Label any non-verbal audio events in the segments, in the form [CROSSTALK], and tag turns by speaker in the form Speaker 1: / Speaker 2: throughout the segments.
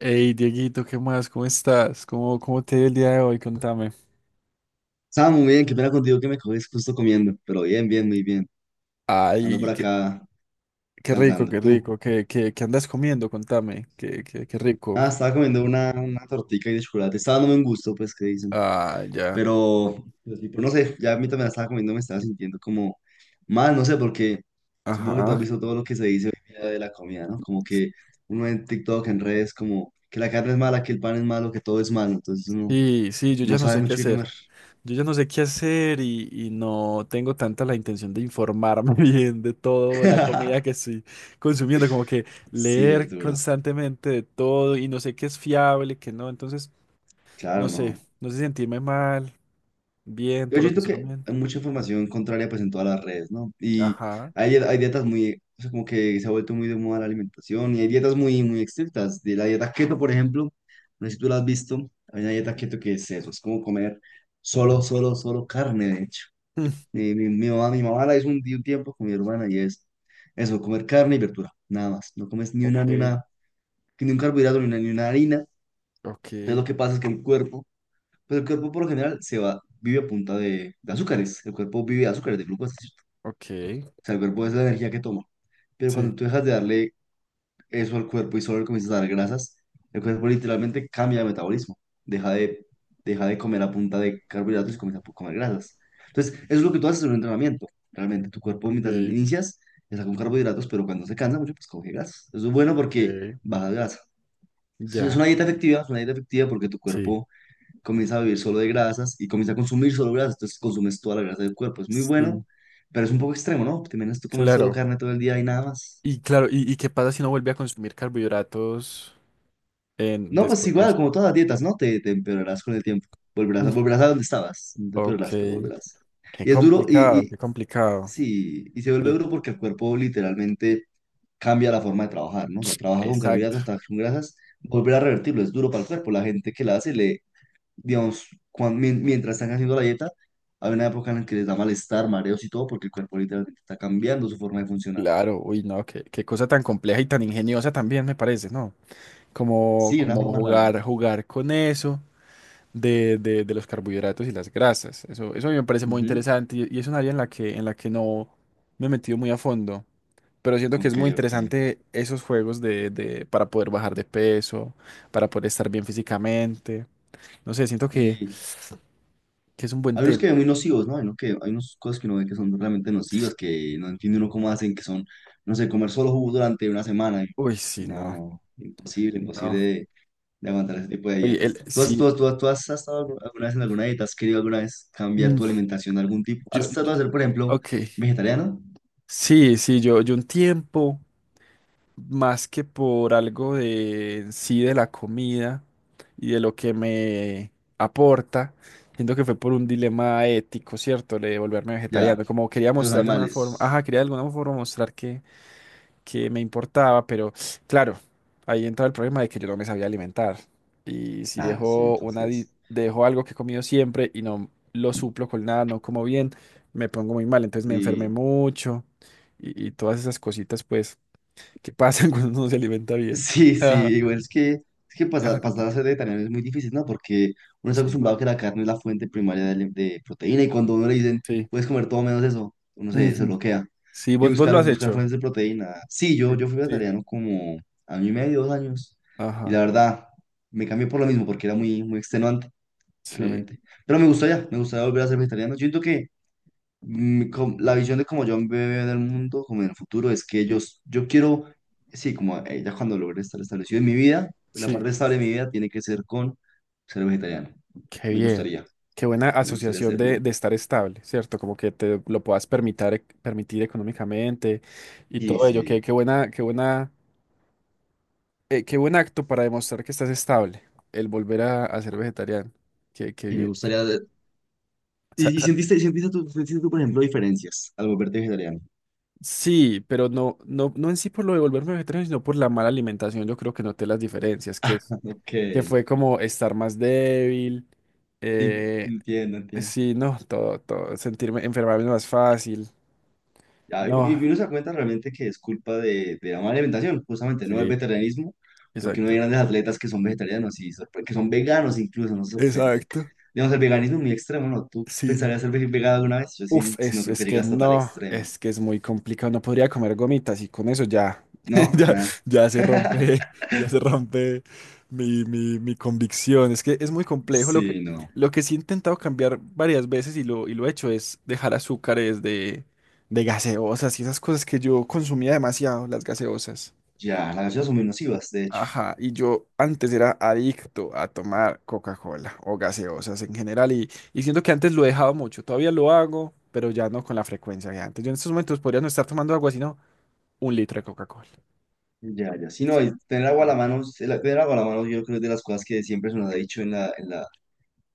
Speaker 1: Hey, Dieguito, ¿qué más? ¿Cómo estás? ¿Cómo te ha ido el día de hoy? Contame.
Speaker 2: Estaba muy bien, qué pena contigo que me coges justo comiendo, pero bien, muy bien. Ando por
Speaker 1: Ay,
Speaker 2: acá
Speaker 1: qué rico,
Speaker 2: cansando.
Speaker 1: qué
Speaker 2: ¿Tú?
Speaker 1: rico. ¿Qué andas comiendo? Contame. Qué rico.
Speaker 2: Ah, estaba comiendo una tortica y de chocolate. Estaba dándome un gusto, pues, ¿qué dicen?
Speaker 1: Ah, ya.
Speaker 2: Pero tipo, no sé, ya a mí también la estaba comiendo, me estaba sintiendo como mal, no sé, porque supongo que tú has
Speaker 1: Ajá.
Speaker 2: visto todo lo que se dice hoy día de la comida, ¿no? Como que uno en TikTok, en redes, como que la carne es mala, que el pan es malo, que todo es malo. Entonces uno
Speaker 1: Sí, sí, yo
Speaker 2: no
Speaker 1: ya no
Speaker 2: sabe
Speaker 1: sé qué
Speaker 2: mucho qué
Speaker 1: hacer.
Speaker 2: comer.
Speaker 1: Yo ya no sé qué hacer y no tengo tanta la intención de informarme [LAUGHS] bien de todo la comida
Speaker 2: [LAUGHS]
Speaker 1: que estoy consumiendo. Como que
Speaker 2: Sí, es
Speaker 1: leer
Speaker 2: duro.
Speaker 1: constantemente de todo y no sé qué es fiable, qué no. Entonces,
Speaker 2: Claro,
Speaker 1: no sé.
Speaker 2: no.
Speaker 1: No sé si sentirme mal, bien
Speaker 2: Yo
Speaker 1: por lo que
Speaker 2: siento
Speaker 1: estoy
Speaker 2: que
Speaker 1: comiendo.
Speaker 2: hay mucha información contraria pues en todas las redes, ¿no? Y
Speaker 1: Ajá.
Speaker 2: hay dietas muy, o sea, como que se ha vuelto muy de moda la alimentación y hay dietas muy estrictas. De la dieta keto, por ejemplo, no sé si tú la has visto, hay una dieta
Speaker 1: Ujú.
Speaker 2: keto que es eso, es como comer solo carne, de hecho.
Speaker 1: [LAUGHS]
Speaker 2: Mi mamá, mi mamá la hizo un, un tiempo con mi hermana y es eso, comer carne y verdura, nada más. No comes
Speaker 1: Ok,
Speaker 2: ni un carbohidrato, ni una harina. Entonces
Speaker 1: ok,
Speaker 2: lo que pasa es que el cuerpo pero el cuerpo por lo general se va, vive a punta de azúcares. El cuerpo vive de azúcares, de glucosa, ¿cierto?
Speaker 1: ok,
Speaker 2: O sea, el cuerpo es la energía que toma. Pero
Speaker 1: sí,
Speaker 2: cuando tú dejas de darle eso al cuerpo y solo le comienzas a dar grasas, el cuerpo literalmente cambia de metabolismo. Deja de, deja de comer a punta de carbohidratos y comienza a comer grasas. Entonces, eso es lo que tú haces en un entrenamiento. Realmente, tu cuerpo mientras
Speaker 1: ok,
Speaker 2: inicias está con carbohidratos, pero cuando se cansa mucho, pues coge grasas. Eso es bueno
Speaker 1: ok,
Speaker 2: porque baja grasa. Es
Speaker 1: ya,
Speaker 2: una dieta efectiva, es una dieta efectiva porque tu
Speaker 1: sí,
Speaker 2: cuerpo comienza a vivir solo de grasas y comienza a consumir solo grasas, entonces consumes toda la grasa del cuerpo. Es muy
Speaker 1: sí,
Speaker 2: bueno, pero es un poco extremo, ¿no? Te imaginas tú comer solo
Speaker 1: claro.
Speaker 2: carne todo el día y nada más.
Speaker 1: Y claro, ¿y qué pasa si no vuelve a consumir carbohidratos en,
Speaker 2: No, pues
Speaker 1: después de
Speaker 2: igual,
Speaker 1: eso?
Speaker 2: como
Speaker 1: [LAUGHS]
Speaker 2: todas las dietas, ¿no? Te empeorarás con el tiempo.
Speaker 1: Mm.
Speaker 2: Volverás a donde estabas. No te
Speaker 1: Ok,
Speaker 2: empeorarás, pero volverás.
Speaker 1: qué
Speaker 2: Y es duro, y,
Speaker 1: complicado,
Speaker 2: y
Speaker 1: qué complicado.
Speaker 2: sí, y se vuelve
Speaker 1: Sí,
Speaker 2: duro porque el cuerpo literalmente cambia la forma de trabajar, ¿no? O sea, trabaja con
Speaker 1: exacto,
Speaker 2: carbohidratos, trabaja con grasas. Volver a revertirlo es duro para el cuerpo. La gente que la hace le, digamos, mientras están haciendo la dieta, hay una época en la que les da malestar, mareos y todo, porque el cuerpo literalmente está cambiando su forma de funcionar.
Speaker 1: claro, uy, no, qué cosa tan compleja y tan ingeniosa también me parece, ¿no? Como,
Speaker 2: Sí, de una
Speaker 1: como
Speaker 2: forma rara.
Speaker 1: jugar con eso. De de los carbohidratos y las grasas. Eso a mí me parece muy
Speaker 2: Ujú.
Speaker 1: interesante y es un área en la que no me he metido muy a fondo, pero siento que es
Speaker 2: Ok,
Speaker 1: muy
Speaker 2: ok.
Speaker 1: interesante esos juegos de- para poder bajar de peso, para poder estar bien físicamente. No sé, siento
Speaker 2: Y
Speaker 1: que es un buen
Speaker 2: hay unos
Speaker 1: tema.
Speaker 2: que ven muy nocivos, ¿no? Hay, uno que, hay unas cosas que uno ve que son realmente nocivas, que no entiende uno cómo hacen, que son, no sé, comer solo jugo durante una semana. Y-
Speaker 1: Uy, sí,
Speaker 2: No,
Speaker 1: no,
Speaker 2: no, imposible,
Speaker 1: no.
Speaker 2: de aguantar ese tipo de
Speaker 1: Oye,
Speaker 2: dietas.
Speaker 1: el, sí,
Speaker 2: Tú has estado alguna vez en alguna dieta? ¿Has querido alguna vez cambiar tu
Speaker 1: mm,
Speaker 2: alimentación de algún tipo?
Speaker 1: yo,
Speaker 2: ¿Has
Speaker 1: yo-
Speaker 2: tratado de ser, por ejemplo,
Speaker 1: ok.
Speaker 2: vegetariano?
Speaker 1: Sí, sí, yo un tiempo. Más que por algo de en sí de la comida y de lo que me aporta, siento que fue por un dilema ético, ¿cierto? Le de volverme
Speaker 2: Ya,
Speaker 1: vegetariano, como quería
Speaker 2: los
Speaker 1: mostrar de alguna forma, ajá,
Speaker 2: animales.
Speaker 1: quería de alguna forma mostrar que me importaba, pero claro, ahí entraba el problema de que yo no me sabía alimentar. Y si
Speaker 2: Claro, sí,
Speaker 1: dejo una
Speaker 2: entonces.
Speaker 1: dejo algo que he comido siempre y no lo suplo con nada, no como bien, me pongo muy mal, entonces me enfermé
Speaker 2: Y
Speaker 1: mucho y todas esas cositas, pues que pasan [LAUGHS] cuando uno se alimenta
Speaker 2: [LAUGHS]
Speaker 1: bien.
Speaker 2: sí, sí,
Speaker 1: Ajá.
Speaker 2: igual es que
Speaker 1: Ajá,
Speaker 2: pasar,
Speaker 1: con-
Speaker 2: pasar a ser vegetariano es muy difícil, ¿no? Porque uno está
Speaker 1: sí,
Speaker 2: acostumbrado a que la carne es la fuente primaria de, de proteína y cuando a uno le dicen,
Speaker 1: sí.
Speaker 2: puedes comer todo menos eso, se
Speaker 1: Ujú.
Speaker 2: bloquea.
Speaker 1: Sí,
Speaker 2: Y
Speaker 1: vos, vos lo has
Speaker 2: buscar
Speaker 1: hecho.
Speaker 2: fuentes de proteína. Sí,
Speaker 1: Sí,
Speaker 2: yo fui
Speaker 1: sí,
Speaker 2: vegetariano como año y medio, dos años. Y
Speaker 1: ajá,
Speaker 2: la verdad, me cambié por lo mismo, porque era muy extenuante,
Speaker 1: sí,
Speaker 2: realmente. Pero me gustaría volver a ser vegetariano. Yo siento que la visión de cómo yo veo en el mundo, como en el futuro, es que yo quiero, sí, como ya cuando logre estar establecido en mi vida, pues, la
Speaker 1: sí.
Speaker 2: parte estable de mi vida tiene que ser con ser vegetariano.
Speaker 1: Qué
Speaker 2: Me
Speaker 1: bien.
Speaker 2: gustaría,
Speaker 1: Qué buena
Speaker 2: me gustaría
Speaker 1: asociación
Speaker 2: hacerlo.
Speaker 1: de estar estable, ¿cierto? Como que te lo puedas permitir, permitir económicamente y
Speaker 2: Sí,
Speaker 1: todo ello. Qué,
Speaker 2: sí,
Speaker 1: qué buena, qué buen acto para demostrar que estás estable, el volver a ser vegetariano. Qué, qué
Speaker 2: y me
Speaker 1: bien.
Speaker 2: gustaría...
Speaker 1: Sa-
Speaker 2: ¿Y, y
Speaker 1: sa-
Speaker 2: sentiste, sentiste tú, por ejemplo, diferencias al volverte vegetariano?
Speaker 1: Sí, pero no, no, no en sí por lo de volverme vegetariano, sino por la mala alimentación. Yo creo que noté las diferencias, que, es-
Speaker 2: [LAUGHS] Ok,
Speaker 1: que fue como estar más débil,
Speaker 2: sí,
Speaker 1: eh,
Speaker 2: entiendo, entiendo.
Speaker 1: sí, no, todo, todo, sentirme, enfermarme más fácil.
Speaker 2: Ya, y, porque-
Speaker 1: No,
Speaker 2: uno se da cuenta realmente que es culpa de la mala alimentación, justamente, no del
Speaker 1: sí,
Speaker 2: vegetarianismo, porque no hay
Speaker 1: exacto.
Speaker 2: grandes atletas que son vegetarianos y que son veganos incluso, no sorprende.
Speaker 1: Exacto,
Speaker 2: Digamos, el veganismo es muy extremo, ¿no? ¿Tú
Speaker 1: sí.
Speaker 2: pensarías ser vegano alguna vez? Yo
Speaker 1: Uf,
Speaker 2: sí, sí no creo que
Speaker 1: es
Speaker 2: llegue
Speaker 1: que
Speaker 2: hasta tal
Speaker 1: no,
Speaker 2: extremo.
Speaker 1: es que es muy complicado. No podría comer gomitas y con eso ya, [LAUGHS]
Speaker 2: ¿No?
Speaker 1: ya,
Speaker 2: Nada.
Speaker 1: ya se rompe, [LAUGHS] ya se rompe mi convicción. Es que es muy complejo.
Speaker 2: Sí, no.
Speaker 1: Lo que sí he intentado cambiar varias veces y lo he hecho es dejar azúcares de gaseosas y esas cosas que yo consumía demasiado, las gaseosas.
Speaker 2: Ya, las gaseosas son muy nocivas, de hecho.
Speaker 1: Ajá, y yo antes era adicto a tomar Coca-Cola o gaseosas en general y siento que antes lo he dejado mucho, todavía lo hago, pero ya no con la frecuencia de antes. Yo en estos momentos podría no estar tomando agua, sino un litro de Coca-Cola.
Speaker 2: Ya, ya. Sí, no, y tener agua a
Speaker 1: Ah,
Speaker 2: la mano, tener agua a la mano yo creo que es de las cosas que siempre se nos ha dicho en la, en la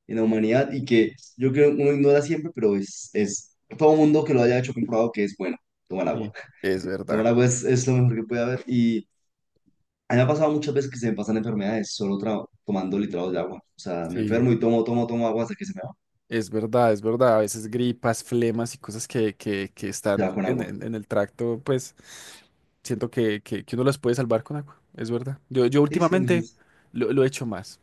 Speaker 2: en la humanidad y que yo creo que uno ignora siempre, pero es todo mundo que lo haya hecho comprobado que es bueno tomar agua.
Speaker 1: sí. Es
Speaker 2: [LAUGHS]
Speaker 1: verdad,
Speaker 2: Tomar agua es lo mejor que puede haber y a mí me ha pasado muchas veces que se me pasan enfermedades solo tomando litrados de agua. O sea, me
Speaker 1: sí.
Speaker 2: enfermo y tomo agua hasta que se me va,
Speaker 1: Es verdad, es verdad. A veces gripas, flemas y cosas que, que
Speaker 2: se
Speaker 1: están
Speaker 2: va con agua.
Speaker 1: en el tracto, pues siento que, que uno las puede salvar con agua, es verdad. Yo
Speaker 2: Sí, sí, me
Speaker 1: últimamente
Speaker 2: dices.
Speaker 1: lo he hecho más.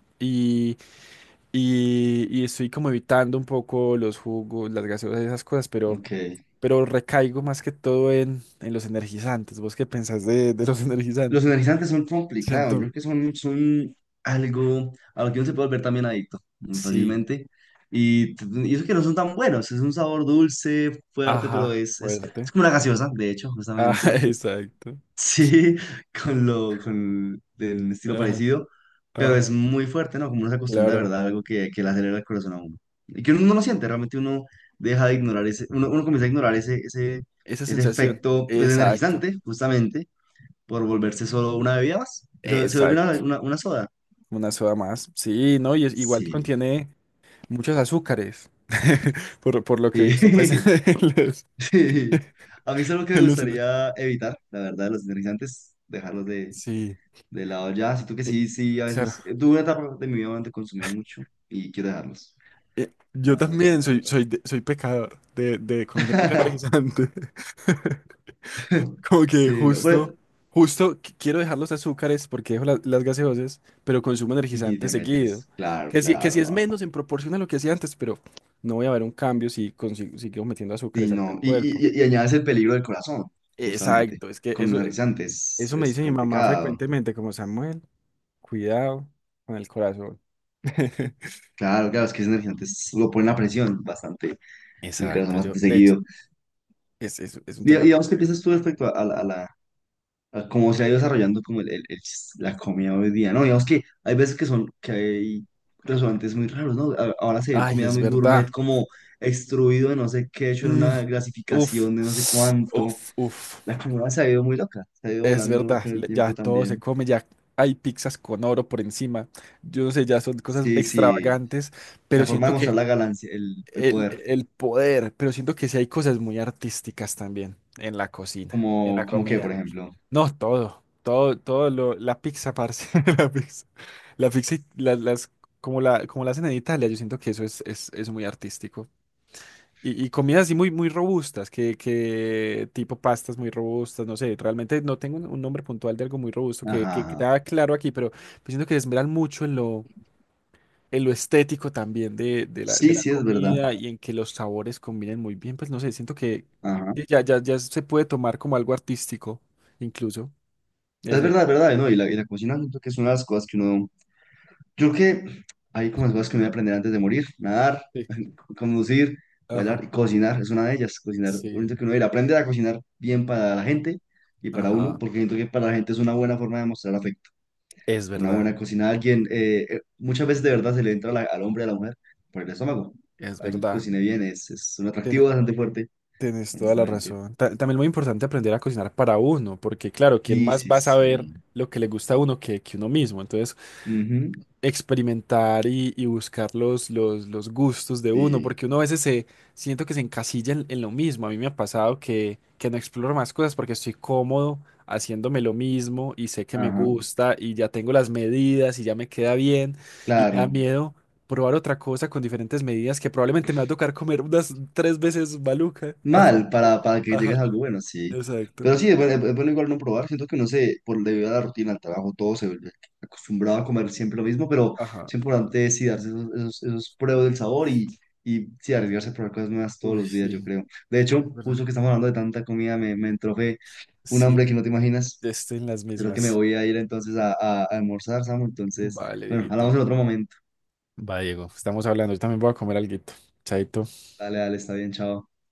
Speaker 1: Y estoy como evitando un poco los jugos, las gaseosas y esas cosas,
Speaker 2: Ok.
Speaker 1: pero recaigo más que todo en los energizantes. ¿Vos qué pensás de los [LAUGHS]
Speaker 2: Los
Speaker 1: energizantes?
Speaker 2: energizantes son complicados, yo
Speaker 1: Siento.
Speaker 2: creo que son algo a lo que uno se puede volver también adicto muy
Speaker 1: Sí.
Speaker 2: fácilmente. Y, y eso que no son tan buenos, es un sabor dulce, fuerte, pero
Speaker 1: Ajá.
Speaker 2: es
Speaker 1: Fuerte.
Speaker 2: como una gaseosa, de hecho,
Speaker 1: Ah,
Speaker 2: justamente.
Speaker 1: [LAUGHS] exacto.
Speaker 2: Sí, [LAUGHS] con con el estilo
Speaker 1: Ajá.
Speaker 2: parecido, pero
Speaker 1: Ajá.
Speaker 2: es muy fuerte, ¿no? Como uno se acostumbra de
Speaker 1: Claro.
Speaker 2: verdad a algo que le acelera el corazón a uno. Y que uno no lo siente, realmente uno deja de ignorar ese, uno comienza a ignorar
Speaker 1: Esa
Speaker 2: ese
Speaker 1: sensación.
Speaker 2: efecto pues,
Speaker 1: Exacto.
Speaker 2: energizante, justamente por volverse solo una bebida más. Se vuelve una,
Speaker 1: Exacto.
Speaker 2: una soda.
Speaker 1: Una soda más. Sí, no, y es, igual
Speaker 2: Sí.
Speaker 1: contiene muchos azúcares. [LAUGHS] Por lo que he
Speaker 2: Sí.
Speaker 1: visto, pues, [LAUGHS]
Speaker 2: [LAUGHS]
Speaker 1: los,
Speaker 2: Sí. A mí es algo que me
Speaker 1: en los-
Speaker 2: gustaría evitar, la verdad, los energizantes,
Speaker 1: Sí.
Speaker 2: de lado ya. Siento que sí, sí, a
Speaker 1: Sí.
Speaker 2: veces. Tuve una etapa de mi vida donde consumí mucho y quiero dejarlos,
Speaker 1: Yo también
Speaker 2: la
Speaker 1: soy pecador de consumir mucho
Speaker 2: verdad.
Speaker 1: energizante. [LAUGHS]
Speaker 2: [LAUGHS]
Speaker 1: Como que
Speaker 2: Sí, no,
Speaker 1: justo,
Speaker 2: pero-
Speaker 1: justo qu- quiero dejar los azúcares porque dejo la- las gaseosas, pero consumo
Speaker 2: y
Speaker 1: energizante
Speaker 2: te
Speaker 1: seguido.
Speaker 2: metes, claro,
Speaker 1: Que
Speaker 2: claro,
Speaker 1: si
Speaker 2: no,
Speaker 1: es
Speaker 2: no, no.
Speaker 1: menos en proporción a lo que hacía antes, pero no voy a ver un cambio si consigo, si sigo metiendo
Speaker 2: Y
Speaker 1: azúcares al, al
Speaker 2: no,
Speaker 1: cuerpo.
Speaker 2: y añades el peligro del corazón, justamente.
Speaker 1: Exacto, es que
Speaker 2: Con
Speaker 1: eso,
Speaker 2: energizantes
Speaker 1: eso me
Speaker 2: es
Speaker 1: dice mi mamá
Speaker 2: complicado.
Speaker 1: frecuentemente, como Samuel, cuidado con el corazón. [LAUGHS]
Speaker 2: Claro, claro, es que ese energizante lo pone la presión bastante, el corazón
Speaker 1: Exacto,
Speaker 2: bastante
Speaker 1: yo, de hecho,
Speaker 2: seguido.
Speaker 1: es un tema
Speaker 2: Digamos, ¿qué
Speaker 1: complejo.
Speaker 2: piensas tú respecto a, a cómo se ha ido desarrollando como la comida hoy día? No, digamos que hay veces que son, que hay restaurantes muy raros, ¿no? Ahora se ven
Speaker 1: Ay,
Speaker 2: comida
Speaker 1: es
Speaker 2: muy gourmet,
Speaker 1: verdad.
Speaker 2: como extruido de no sé qué, hecho en
Speaker 1: Mm,
Speaker 2: una
Speaker 1: uf,
Speaker 2: grasificación de no sé cuánto.
Speaker 1: uf, uf.
Speaker 2: La comida se ha ido muy loca, se ha ido
Speaker 1: Es
Speaker 2: volando
Speaker 1: verdad,
Speaker 2: con el
Speaker 1: le- ya
Speaker 2: tiempo
Speaker 1: todo se
Speaker 2: también.
Speaker 1: come, ya hay pizzas con oro por encima. Yo no sé, ya son cosas
Speaker 2: Sí, sí,
Speaker 1: extravagantes,
Speaker 2: la
Speaker 1: pero
Speaker 2: forma
Speaker 1: siento
Speaker 2: de mostrar
Speaker 1: que
Speaker 2: la ganancia, el poder,
Speaker 1: el poder, pero siento que sí hay cosas muy artísticas también en la cocina, en
Speaker 2: como,
Speaker 1: la
Speaker 2: como que, por
Speaker 1: comida.
Speaker 2: ejemplo.
Speaker 1: No, todo, todo, todo lo, la pizza, parce, [LAUGHS] la pizza. La pizza, y la- las, como como la hacen en Italia, yo siento que eso es, es muy artístico. Y comidas así muy, muy robustas, que tipo pastas muy robustas, no sé, realmente no tengo un nombre puntual de algo muy robusto
Speaker 2: Ajá,
Speaker 1: que
Speaker 2: ajá.
Speaker 1: queda claro aquí, pero pues siento que se esmeran mucho en lo estético también de, de
Speaker 2: Sí,
Speaker 1: la
Speaker 2: sí, es verdad.
Speaker 1: comida y en que los sabores combinen muy bien, pues no sé, siento
Speaker 2: Ajá.
Speaker 1: que ya, ya, ya se puede tomar como algo artístico, incluso. Ese,
Speaker 2: Es verdad, ¿no? Y la cocina siento que es una de las cosas que uno... Yo creo que hay como las cosas que uno debe aprender antes de morir. Nadar,
Speaker 1: sí.
Speaker 2: [LAUGHS] conducir,
Speaker 1: Ajá.
Speaker 2: bailar y cocinar. Es una de ellas. Cocinar, uno siento
Speaker 1: Sí.
Speaker 2: que uno debe aprender a cocinar bien para la gente y para uno,
Speaker 1: Ajá.
Speaker 2: porque siento que para la gente es una buena forma de mostrar afecto.
Speaker 1: Es
Speaker 2: Una
Speaker 1: verdad,
Speaker 2: buena cocina a alguien, muchas veces de verdad se le entra a al hombre y a la mujer por el estómago.
Speaker 1: es
Speaker 2: Alguien que
Speaker 1: verdad.
Speaker 2: cocine bien es un
Speaker 1: Tiene-
Speaker 2: atractivo bastante fuerte,
Speaker 1: Tienes toda la
Speaker 2: honestamente.
Speaker 1: razón. Ta- también muy importante aprender a cocinar para uno, porque claro, que él
Speaker 2: Sí,
Speaker 1: más
Speaker 2: sí,
Speaker 1: va a saber
Speaker 2: sí.
Speaker 1: lo que le gusta a uno que uno mismo. Entonces,
Speaker 2: Ujú.
Speaker 1: experimentar y buscar los gustos de uno,
Speaker 2: Sí.
Speaker 1: porque uno a veces se siento que se encasilla en lo mismo. A mí me ha pasado que no exploro más cosas porque estoy cómodo haciéndome lo mismo y sé que me
Speaker 2: Ajá.
Speaker 1: gusta y ya tengo las medidas y ya me queda bien y me da
Speaker 2: Claro.
Speaker 1: miedo probar otra cosa con diferentes medidas que probablemente me va a tocar comer unas tres veces maluca hasta que...
Speaker 2: Mal para que
Speaker 1: Ajá,
Speaker 2: llegues a algo bueno, sí.
Speaker 1: exacto.
Speaker 2: Pero sí, es bueno igual no probar. Siento que no sé, por debido a la rutina, al trabajo, todo se vuelve acostumbrado a comer siempre lo mismo, pero
Speaker 1: Ajá.
Speaker 2: es importante sí darse esos pruebas del sabor y sí arriesgarse a probar cosas nuevas todos
Speaker 1: Uy,
Speaker 2: los días, yo
Speaker 1: sí,
Speaker 2: creo. De
Speaker 1: es
Speaker 2: hecho,
Speaker 1: verdad.
Speaker 2: justo que estamos hablando de tanta comida, me entró fe un
Speaker 1: Sí,
Speaker 2: hambre que no te imaginas.
Speaker 1: estoy en las
Speaker 2: Yo creo que me
Speaker 1: mismas.
Speaker 2: voy a ir entonces a, a almorzar, Samu. Entonces,
Speaker 1: Vale,
Speaker 2: bueno, hablamos
Speaker 1: Dieguito.
Speaker 2: en otro momento.
Speaker 1: Va, Diego, estamos hablando. Yo también voy a comer alguito. Chaito.
Speaker 2: Dale, dale, está bien, chao.